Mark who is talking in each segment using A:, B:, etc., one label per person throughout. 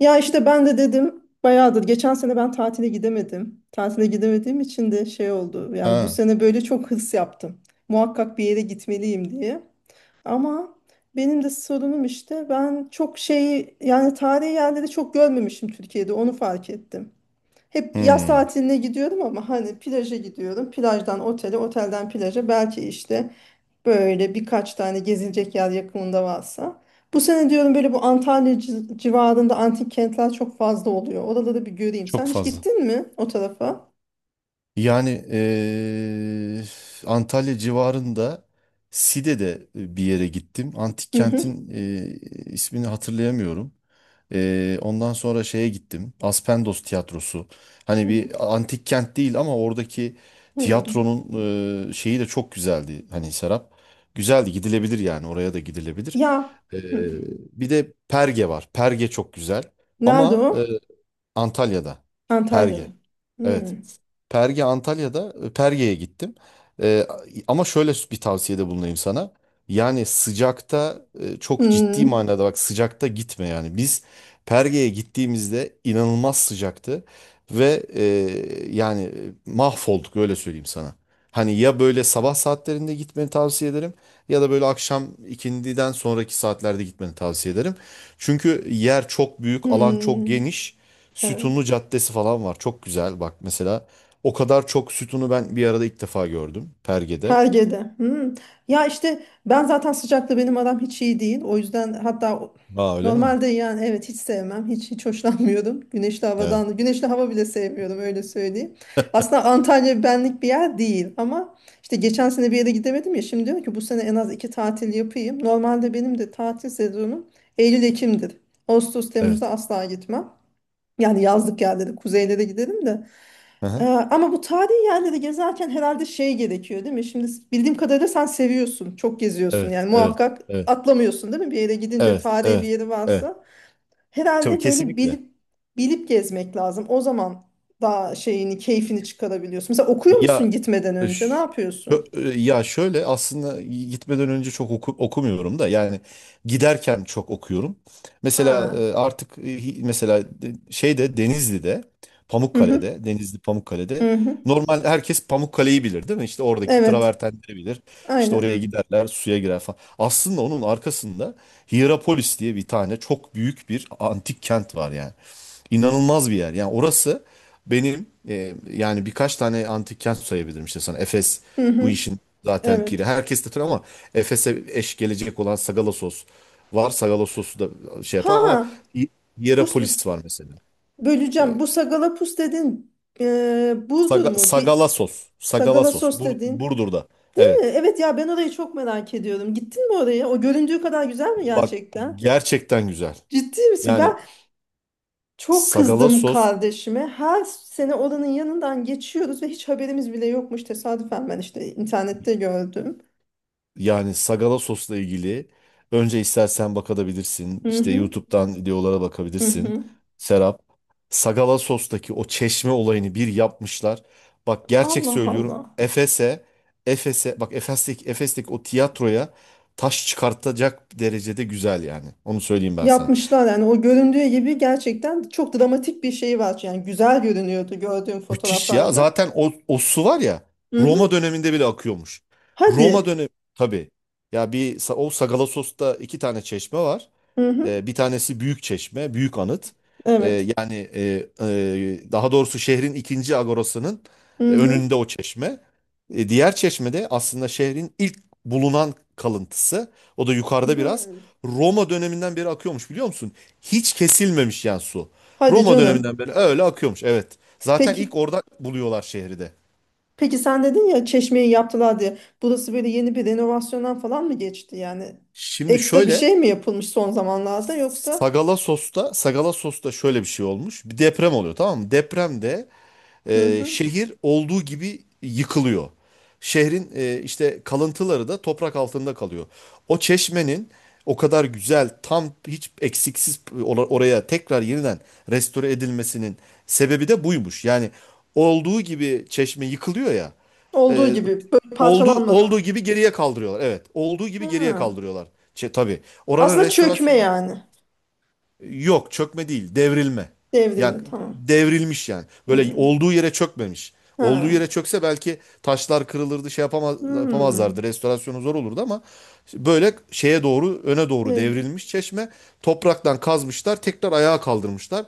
A: Ya işte ben de dedim bayağıdır. Geçen sene ben tatile gidemedim. Tatile gidemediğim için de şey oldu. Yani bu
B: Ha,
A: sene böyle çok hırs yaptım. Muhakkak bir yere gitmeliyim diye. Ama benim de sorunum işte ben çok şeyi yani tarihi yerleri çok görmemişim Türkiye'de onu fark ettim. Hep yaz
B: hmm,
A: tatiline gidiyorum ama hani plaja gidiyorum. Plajdan otele, otelden plaja belki işte. Böyle birkaç tane gezilecek yer yakınında varsa. Bu sene diyorum böyle bu Antalya civarında antik kentler çok fazla oluyor. Oraları bir göreyim.
B: çok
A: Sen hiç
B: fazla.
A: gittin mi o tarafa?
B: Yani Antalya civarında Side'de bir yere gittim. Antik
A: Hı hı.
B: kentin ismini hatırlayamıyorum. Ondan sonra şeye gittim. Aspendos Tiyatrosu. Hani bir antik kent değil ama oradaki
A: Hı.
B: tiyatronun şeyi de çok güzeldi. Hani Serap. Güzeldi, gidilebilir yani. Oraya da gidilebilir.
A: Ya.
B: Eee,
A: Hı.
B: Bir de Perge var. Perge çok güzel.
A: Nerede
B: Ama
A: o?
B: Antalya'da.
A: Antalya'da.
B: Perge. Evet.
A: Hı.
B: Perge Antalya'da, Perge'ye gittim. E, Ama şöyle bir tavsiyede bulunayım sana. Yani sıcakta, çok ciddi
A: Hı.
B: manada bak, sıcakta gitme yani. Biz Perge'ye gittiğimizde inanılmaz sıcaktı ve yani, mahvolduk, öyle söyleyeyim sana. Hani ya böyle sabah saatlerinde gitmeni tavsiye ederim, ya da böyle akşam ikindiden sonraki saatlerde gitmeni tavsiye ederim. Çünkü yer çok büyük, alan çok
A: Hı.
B: geniş. Sütunlu
A: Evet.
B: Caddesi falan var. Çok güzel bak mesela. O kadar çok sütunu ben bir arada ilk defa gördüm Perge'de.
A: Perge'de. Hmm. Ya işte ben zaten sıcakta benim aram hiç iyi değil. O yüzden hatta
B: Aa, öyle mi?
A: normalde yani evet hiç sevmem. Hiç hoşlanmıyorum. Güneşli
B: Evet.
A: havadan. Güneşli hava bile sevmiyorum öyle söyleyeyim. Aslında Antalya benlik bir yer değil ama işte geçen sene bir yere gidemedim ya. Şimdi diyorum ki bu sene en az iki tatil yapayım. Normalde benim de tatil sezonum Eylül-Ekim'dir. Ağustos,
B: Evet.
A: Temmuz'da asla gitmem. Yani yazlık yerlere, kuzeylere giderim de.
B: Hı hı.
A: Ama bu tarihi yerleri gezerken herhalde şey gerekiyor değil mi? Şimdi bildiğim kadarıyla sen seviyorsun, çok geziyorsun
B: Evet.
A: yani
B: Evet.
A: muhakkak
B: Evet.
A: atlamıyorsun değil mi? Bir yere gidince
B: Evet.
A: tarihi bir
B: Evet.
A: yeri
B: Evet.
A: varsa
B: Tabii,
A: herhalde böyle
B: kesinlikle.
A: bilip bilip gezmek lazım. O zaman daha şeyini, keyfini çıkarabiliyorsun. Mesela okuyor musun
B: Ya,
A: gitmeden
B: E,
A: önce? Ne
B: ş- ö-
A: yapıyorsun?
B: e, Ya şöyle, aslında gitmeden önce çok okumuyorum da, yani giderken çok okuyorum. Mesela
A: Ha.
B: artık, mesela şeyde Denizli'de.
A: Hı hı.
B: Pamukkale'de
A: Hı hı.
B: normal herkes Pamukkale'yi bilir değil mi? İşte oradaki
A: Evet.
B: travertenleri bilir. İşte oraya
A: Aynen.
B: giderler, suya girer falan. Aslında onun arkasında Hierapolis diye bir tane çok büyük bir antik kent var yani, inanılmaz bir yer. Yani orası benim, yani birkaç tane antik kent sayabilirim işte sana. Efes
A: Hı
B: bu
A: hı.
B: işin zaten piri.
A: Evet.
B: Herkes de tabii, ama Efes'e eş gelecek olan Sagalassos var. Sagalassos'u da şey
A: Ha.
B: yapar ama
A: Ha.
B: İ-
A: Bus bus.
B: Hierapolis var mesela. E,
A: Böleceğim. Bu sagalapus dedin. Burdur mu? Bir.
B: Sagalassos.
A: Sagala
B: Sagalassos.
A: sos dedin.
B: Burdur'da.
A: Değil mi?
B: Evet.
A: Evet ya ben orayı çok merak ediyorum. Gittin mi oraya? O göründüğü kadar güzel mi
B: Bak,
A: gerçekten?
B: gerçekten güzel.
A: Ciddi misin?
B: Yani
A: Ben çok kızdım
B: Sagalassos
A: kardeşime. Her sene oranın yanından geçiyoruz ve hiç haberimiz bile yokmuş. Tesadüfen ben işte internette gördüm.
B: Yani Sagala sosla ilgili önce istersen bakabilirsin.
A: Hı
B: İşte
A: hı.
B: YouTube'dan videolara
A: Hı
B: bakabilirsin.
A: hı.
B: Serap. Sagala sostaki o çeşme olayını bir yapmışlar. Bak, gerçek
A: Allah
B: söylüyorum.
A: Allah.
B: Efes'e, Efes'e, bak, Efes'teki o tiyatroya taş çıkartacak derecede güzel yani. Onu söyleyeyim ben sana.
A: Yapmışlar yani o göründüğü gibi gerçekten çok dramatik bir şey var. Yani güzel görünüyordu gördüğüm
B: Müthiş ya.
A: fotoğraflarda.
B: Zaten o su var ya,
A: Hı
B: Roma
A: hı.
B: döneminde bile akıyormuş. Roma
A: Hadi.
B: dönemi tabii. Ya o Sagala sosta iki tane çeşme var.
A: Hı hı.
B: Bir tanesi Büyükçeşme, Büyük Anıt. E,
A: Evet.
B: Yani, daha doğrusu şehrin ikinci agorasının
A: Hı hı.
B: önünde o çeşme. Diğer çeşme de aslında şehrin ilk bulunan kalıntısı. O da yukarıda biraz.
A: Hı.
B: Roma döneminden beri akıyormuş, biliyor musun? Hiç kesilmemiş yani su.
A: Hadi
B: Roma
A: canım.
B: döneminden beri öyle akıyormuş, evet. Zaten
A: Peki.
B: ilk orada buluyorlar şehri de.
A: Peki sen dedin ya çeşmeyi yaptılar diye. Burası böyle yeni bir renovasyondan falan mı geçti yani?
B: Şimdi
A: Ekstra bir
B: şöyle,
A: şey mi yapılmış son zamanlarda yoksa?
B: Sagala Sos'ta şöyle bir şey olmuş. Bir deprem oluyor, tamam mı? Depremde
A: Hı hı.
B: şehir olduğu gibi yıkılıyor. Şehrin işte kalıntıları da toprak altında kalıyor. O çeşmenin o kadar güzel, tam hiç eksiksiz oraya tekrar yeniden restore edilmesinin sebebi de buymuş. Yani olduğu gibi çeşme yıkılıyor ya.
A: Olduğu
B: E,
A: gibi böyle
B: olduğu
A: parçalanmadan.
B: olduğu gibi geriye kaldırıyorlar. Evet, olduğu gibi geriye
A: Ha.
B: kaldırıyorlar. Şey, tabii. Oranın
A: Aslında çökme
B: restorasyonunda...
A: yani.
B: Yok, çökme değil, devrilme. Yani
A: Devrilme tamam.
B: devrilmiş yani. Böyle
A: Hı.
B: olduğu yere çökmemiş. Olduğu
A: Ha.
B: yere çökse belki taşlar kırılırdı, şey yapamaz,
A: Hı.
B: yapamazlardı. Restorasyonu zor olurdu ama böyle şeye doğru, öne doğru
A: Evet.
B: devrilmiş çeşme. Topraktan kazmışlar, tekrar ayağa kaldırmışlar.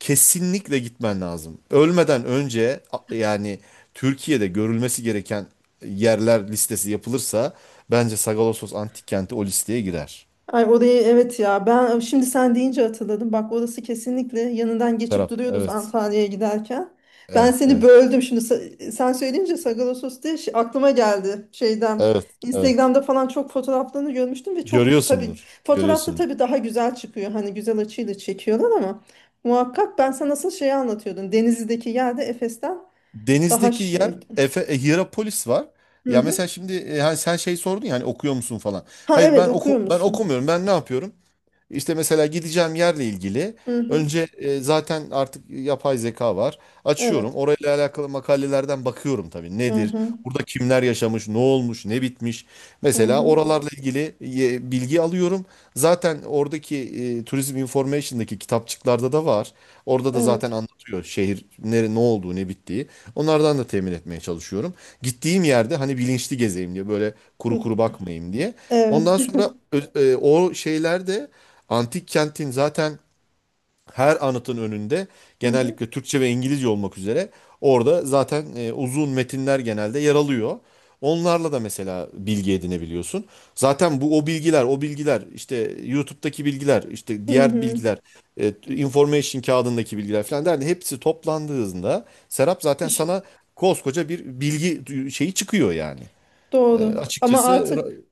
B: Kesinlikle gitmen lazım. Ölmeden önce, yani Türkiye'de görülmesi gereken yerler listesi yapılırsa bence Sagalassos Antik Kenti o listeye girer.
A: Ay orayı evet ya ben şimdi sen deyince hatırladım. Bak orası kesinlikle yanından geçip
B: Serap,
A: duruyoruz
B: evet,
A: Antalya'ya giderken. Ben
B: evet,
A: seni
B: evet.
A: böldüm şimdi sen söyleyince Sagalassos diye aklıma geldi şeyden.
B: Evet, evet.
A: Instagram'da falan çok fotoğraflarını görmüştüm ve çok tabii
B: Görüyorsundur,
A: fotoğrafta
B: görüyorsundur.
A: tabii daha güzel çıkıyor. Hani güzel açıyla çekiyorlar ama muhakkak ben sana nasıl şeyi anlatıyordum. Denizli'deki yerde Efes'ten daha
B: Denizdeki yer,
A: şeydi.
B: Hierapolis var.
A: Hı
B: Ya
A: hı.
B: mesela şimdi, hani sen şey sordun ya, hani okuyor musun falan.
A: Ha
B: Hayır,
A: evet okuyor
B: ben
A: musun?
B: okumuyorum. Ben ne yapıyorum? İşte mesela gideceğim yerle ilgili
A: Hı hı.
B: önce, zaten artık yapay zeka var. Açıyorum.
A: Evet.
B: Orayla alakalı makalelerden bakıyorum tabii.
A: Hı
B: Nedir?
A: hı.
B: Burada kimler yaşamış? Ne olmuş? Ne bitmiş?
A: Hı
B: Mesela
A: hı.
B: oralarla ilgili bilgi alıyorum. Zaten oradaki Tourism Information'daki kitapçıklarda da var. Orada da zaten
A: Evet.
B: anlatıyor, şehir nere, ne olduğu, ne bittiği. Onlardan da temin etmeye çalışıyorum. Gittiğim yerde hani bilinçli gezeyim diye, böyle kuru kuru bakmayayım diye.
A: Evet.
B: Ondan sonra o şeylerde, antik kentin zaten her anıtın önünde
A: Hı hı.
B: genellikle Türkçe ve İngilizce olmak üzere orada zaten uzun metinler genelde yer alıyor. Onlarla da mesela bilgi edinebiliyorsun. Zaten bu o bilgiler, o bilgiler, işte YouTube'daki bilgiler, işte
A: Hı
B: diğer
A: hı.
B: bilgiler, information kağıdındaki bilgiler falan derdi. Hepsi toplandığında Serap,
A: Bir
B: zaten
A: şey.
B: sana koskoca bir bilgi şeyi çıkıyor yani.
A: Doğru. Ama
B: Açıkçası
A: artık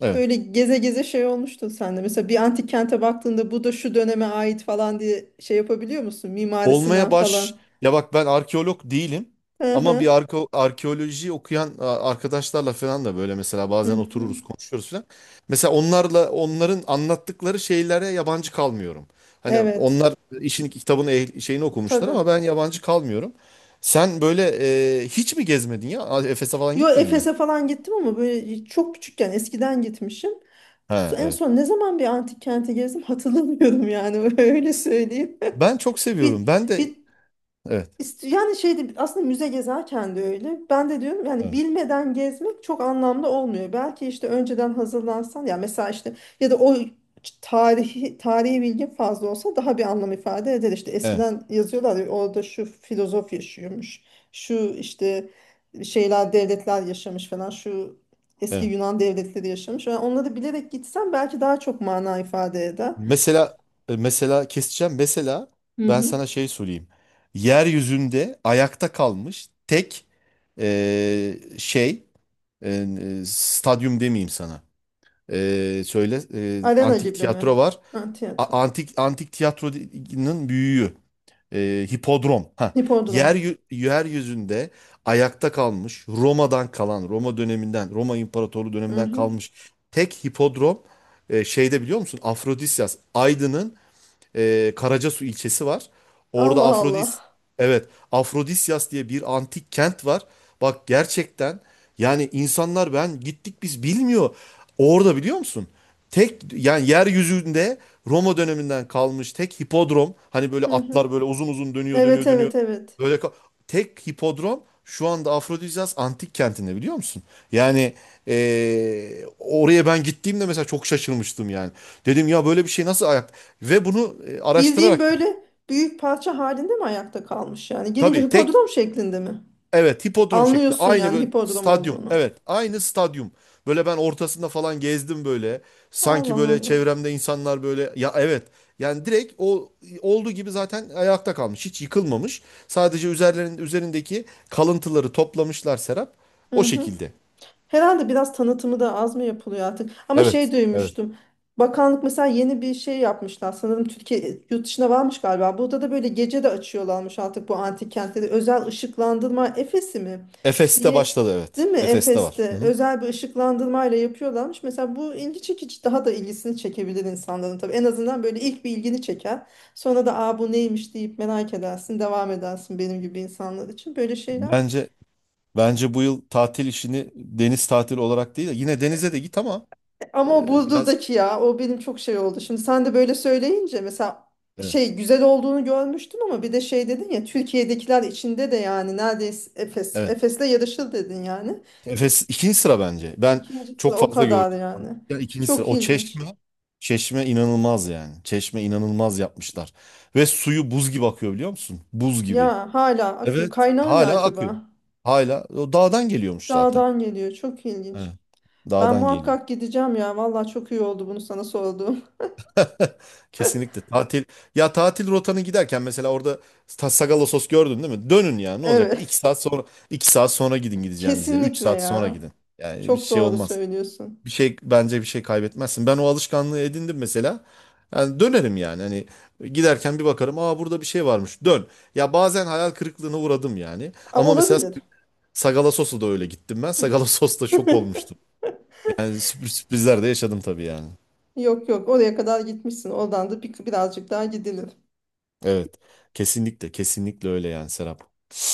B: evet.
A: böyle geze geze şey olmuştu sende. Mesela bir antik kente baktığında bu da şu döneme ait falan diye şey yapabiliyor musun?
B: Olmaya
A: Mimarisinden
B: baş...
A: falan.
B: Ya bak, ben arkeolog değilim.
A: Hı
B: Ama bir
A: hı.
B: arkeoloji okuyan, arkadaşlarla falan da böyle mesela
A: Hı
B: bazen
A: hı.
B: otururuz, konuşuyoruz falan. Mesela onlarla, onların anlattıkları şeylere yabancı kalmıyorum. Hani
A: Evet.
B: onlar işin kitabını şeyini okumuşlar
A: Tabii.
B: ama ben yabancı kalmıyorum. Sen böyle, hiç mi gezmedin ya? Efes'e falan
A: Yo
B: gitmedin mi?
A: Efes'e falan gittim ama böyle çok küçükken eskiden gitmişim.
B: Ha,
A: En
B: evet.
A: son ne zaman bir antik kente gezdim hatırlamıyorum yani öyle söyleyeyim.
B: Ben çok
A: Bir,
B: seviyorum. Ben de,
A: bir
B: evet,
A: Yani şeydi aslında müze gezerken de öyle. Ben de diyorum yani
B: evet,
A: bilmeden gezmek çok anlamlı olmuyor. Belki işte önceden hazırlansan ya mesela işte ya da o tarihi bilgin fazla olsa daha bir anlam ifade eder. İşte
B: evet,
A: eskiden yazıyorlar ya, orada şu filozof yaşıyormuş. Şu işte şeyler devletler yaşamış falan. Şu eski
B: evet.
A: Yunan devletleri yaşamış. Yani onları bilerek gitsen belki daha çok mana ifade eder.
B: Mesela mesela keseceğim. Mesela
A: Hı
B: ben
A: hı.
B: sana şey söyleyeyim. Yeryüzünde ayakta kalmış tek, şey, e, stadyum demeyeyim sana. Söyle,
A: Arena
B: antik
A: gibi mi?
B: tiyatro var.
A: Ha, tiyatro.
B: Antik tiyatronun büyüğü. Hipodrom. Ha. Yer
A: Hipodrom.
B: Yeryüzünde ayakta kalmış, Roma İmparatorluğu
A: Hı
B: döneminden
A: hı.
B: kalmış tek hipodrom, şeyde, biliyor musun? Afrodisias, Aydın'ın Karacasu ilçesi var. Orada
A: Allah Allah.
B: Evet, Afrodisyas diye bir antik kent var. Bak, gerçekten yani, insanlar, ben gittik, biz bilmiyor. Orada, biliyor musun? Tek, yani yeryüzünde Roma döneminden kalmış tek hipodrom. Hani böyle
A: Hı hı.
B: atlar böyle uzun uzun dönüyor,
A: Evet
B: dönüyor, dönüyor.
A: evet evet.
B: Böyle ka- Tek hipodrom şu anda Afrodizyas antik kentinde, biliyor musun? Yani oraya ben gittiğimde mesela çok şaşırmıştım yani. Dedim ya, böyle bir şey nasıl ayak? Ve bunu
A: Bildiğim
B: araştırarak
A: böyle büyük parça halinde mi ayakta kalmış yani? Gelince
B: tabii, tek...
A: hipodrom şeklinde mi?
B: Evet, hipodrom şeklinde.
A: Anlıyorsun
B: Aynı
A: yani
B: böyle
A: hipodrom
B: stadyum.
A: olduğunu.
B: Evet, aynı stadyum. Böyle ben ortasında falan gezdim böyle. Sanki
A: Allah
B: böyle
A: Allah.
B: çevremde insanlar, böyle ya, evet. Yani direkt o olduğu gibi zaten ayakta kalmış. Hiç yıkılmamış. Sadece üzerlerin üzerindeki kalıntıları toplamışlar Serap.
A: Hı
B: O
A: hı.
B: şekilde.
A: Herhalde biraz tanıtımı da az mı yapılıyor artık? Ama
B: Evet,
A: şey
B: evet.
A: duymuştum. Bakanlık mesela yeni bir şey yapmışlar. Sanırım Türkiye yurt dışına varmış galiba. Burada da böyle gece de açıyorlarmış artık bu antik kentleri. Özel ışıklandırma Efes'i mi?
B: Efes'te
A: Bir,
B: başladı, evet.
A: değil mi
B: Efes'te var. Hı
A: Efes'te
B: hı.
A: özel bir ışıklandırmayla yapıyorlarmış. Mesela bu ilgi çekici daha da ilgisini çekebilir insanların tabii. En azından böyle ilk bir ilgini çeker. Sonra da aa bu neymiş deyip merak edersin, devam edersin benim gibi insanlar için. Böyle şeyler.
B: Bence bence bu yıl tatil işini deniz tatili olarak değil de yine denize de git ama
A: Ama o
B: biraz,
A: buzduzdaki ya o benim çok şey oldu. Şimdi sen de böyle söyleyince mesela
B: evet.
A: şey güzel olduğunu görmüştüm ama bir de şey dedin ya Türkiye'dekiler içinde de yani neredeyse Efes.
B: Evet.
A: Efes'le yarışır dedin yani.
B: Efes ikinci sıra bence. Ben
A: İkinci sıra
B: çok
A: o
B: fazla
A: kadar
B: gördüm.
A: yani.
B: Yani ikinci sıra.
A: Çok ilginç.
B: Çeşme inanılmaz yani. Çeşme inanılmaz yapmışlar. Ve suyu buz gibi akıyor, biliyor musun? Buz gibi.
A: Ya hala akıyor.
B: Evet,
A: Kaynağı ne
B: hala akıyor.
A: acaba?
B: Hala o dağdan geliyormuş zaten.
A: Dağdan geliyor. Çok ilginç.
B: Evet,
A: Ben
B: dağdan geliyor.
A: muhakkak gideceğim ya. Vallahi çok iyi oldu bunu sana sorduğum.
B: Kesinlikle tatil. Ya tatil rotanı giderken mesela orada, Sagalassos gördün değil mi? Dönün yani, ne olacak? Bir
A: Evet.
B: iki saat sonra iki saat sonra gidin gideceğiniz yere. Üç
A: Kesinlikle
B: saat sonra
A: ya.
B: gidin. Yani bir
A: Çok
B: şey
A: doğru
B: olmaz.
A: söylüyorsun.
B: Bir şey bence bir şey kaybetmezsin. Ben o alışkanlığı edindim mesela. Yani dönerim yani, hani giderken bir bakarım, aa burada bir şey varmış, dön. Ya bazen hayal kırıklığına uğradım yani.
A: Aa,
B: Ama mesela
A: olabilir.
B: Sagala Sos'a da öyle gittim ben. Sagala Sos'ta şok olmuştum. Yani sürpriz, sürprizler de yaşadım tabii yani.
A: Yok yok oraya kadar gitmişsin. Oradan da birazcık daha gidilir.
B: Evet, kesinlikle, kesinlikle öyle yani Serap.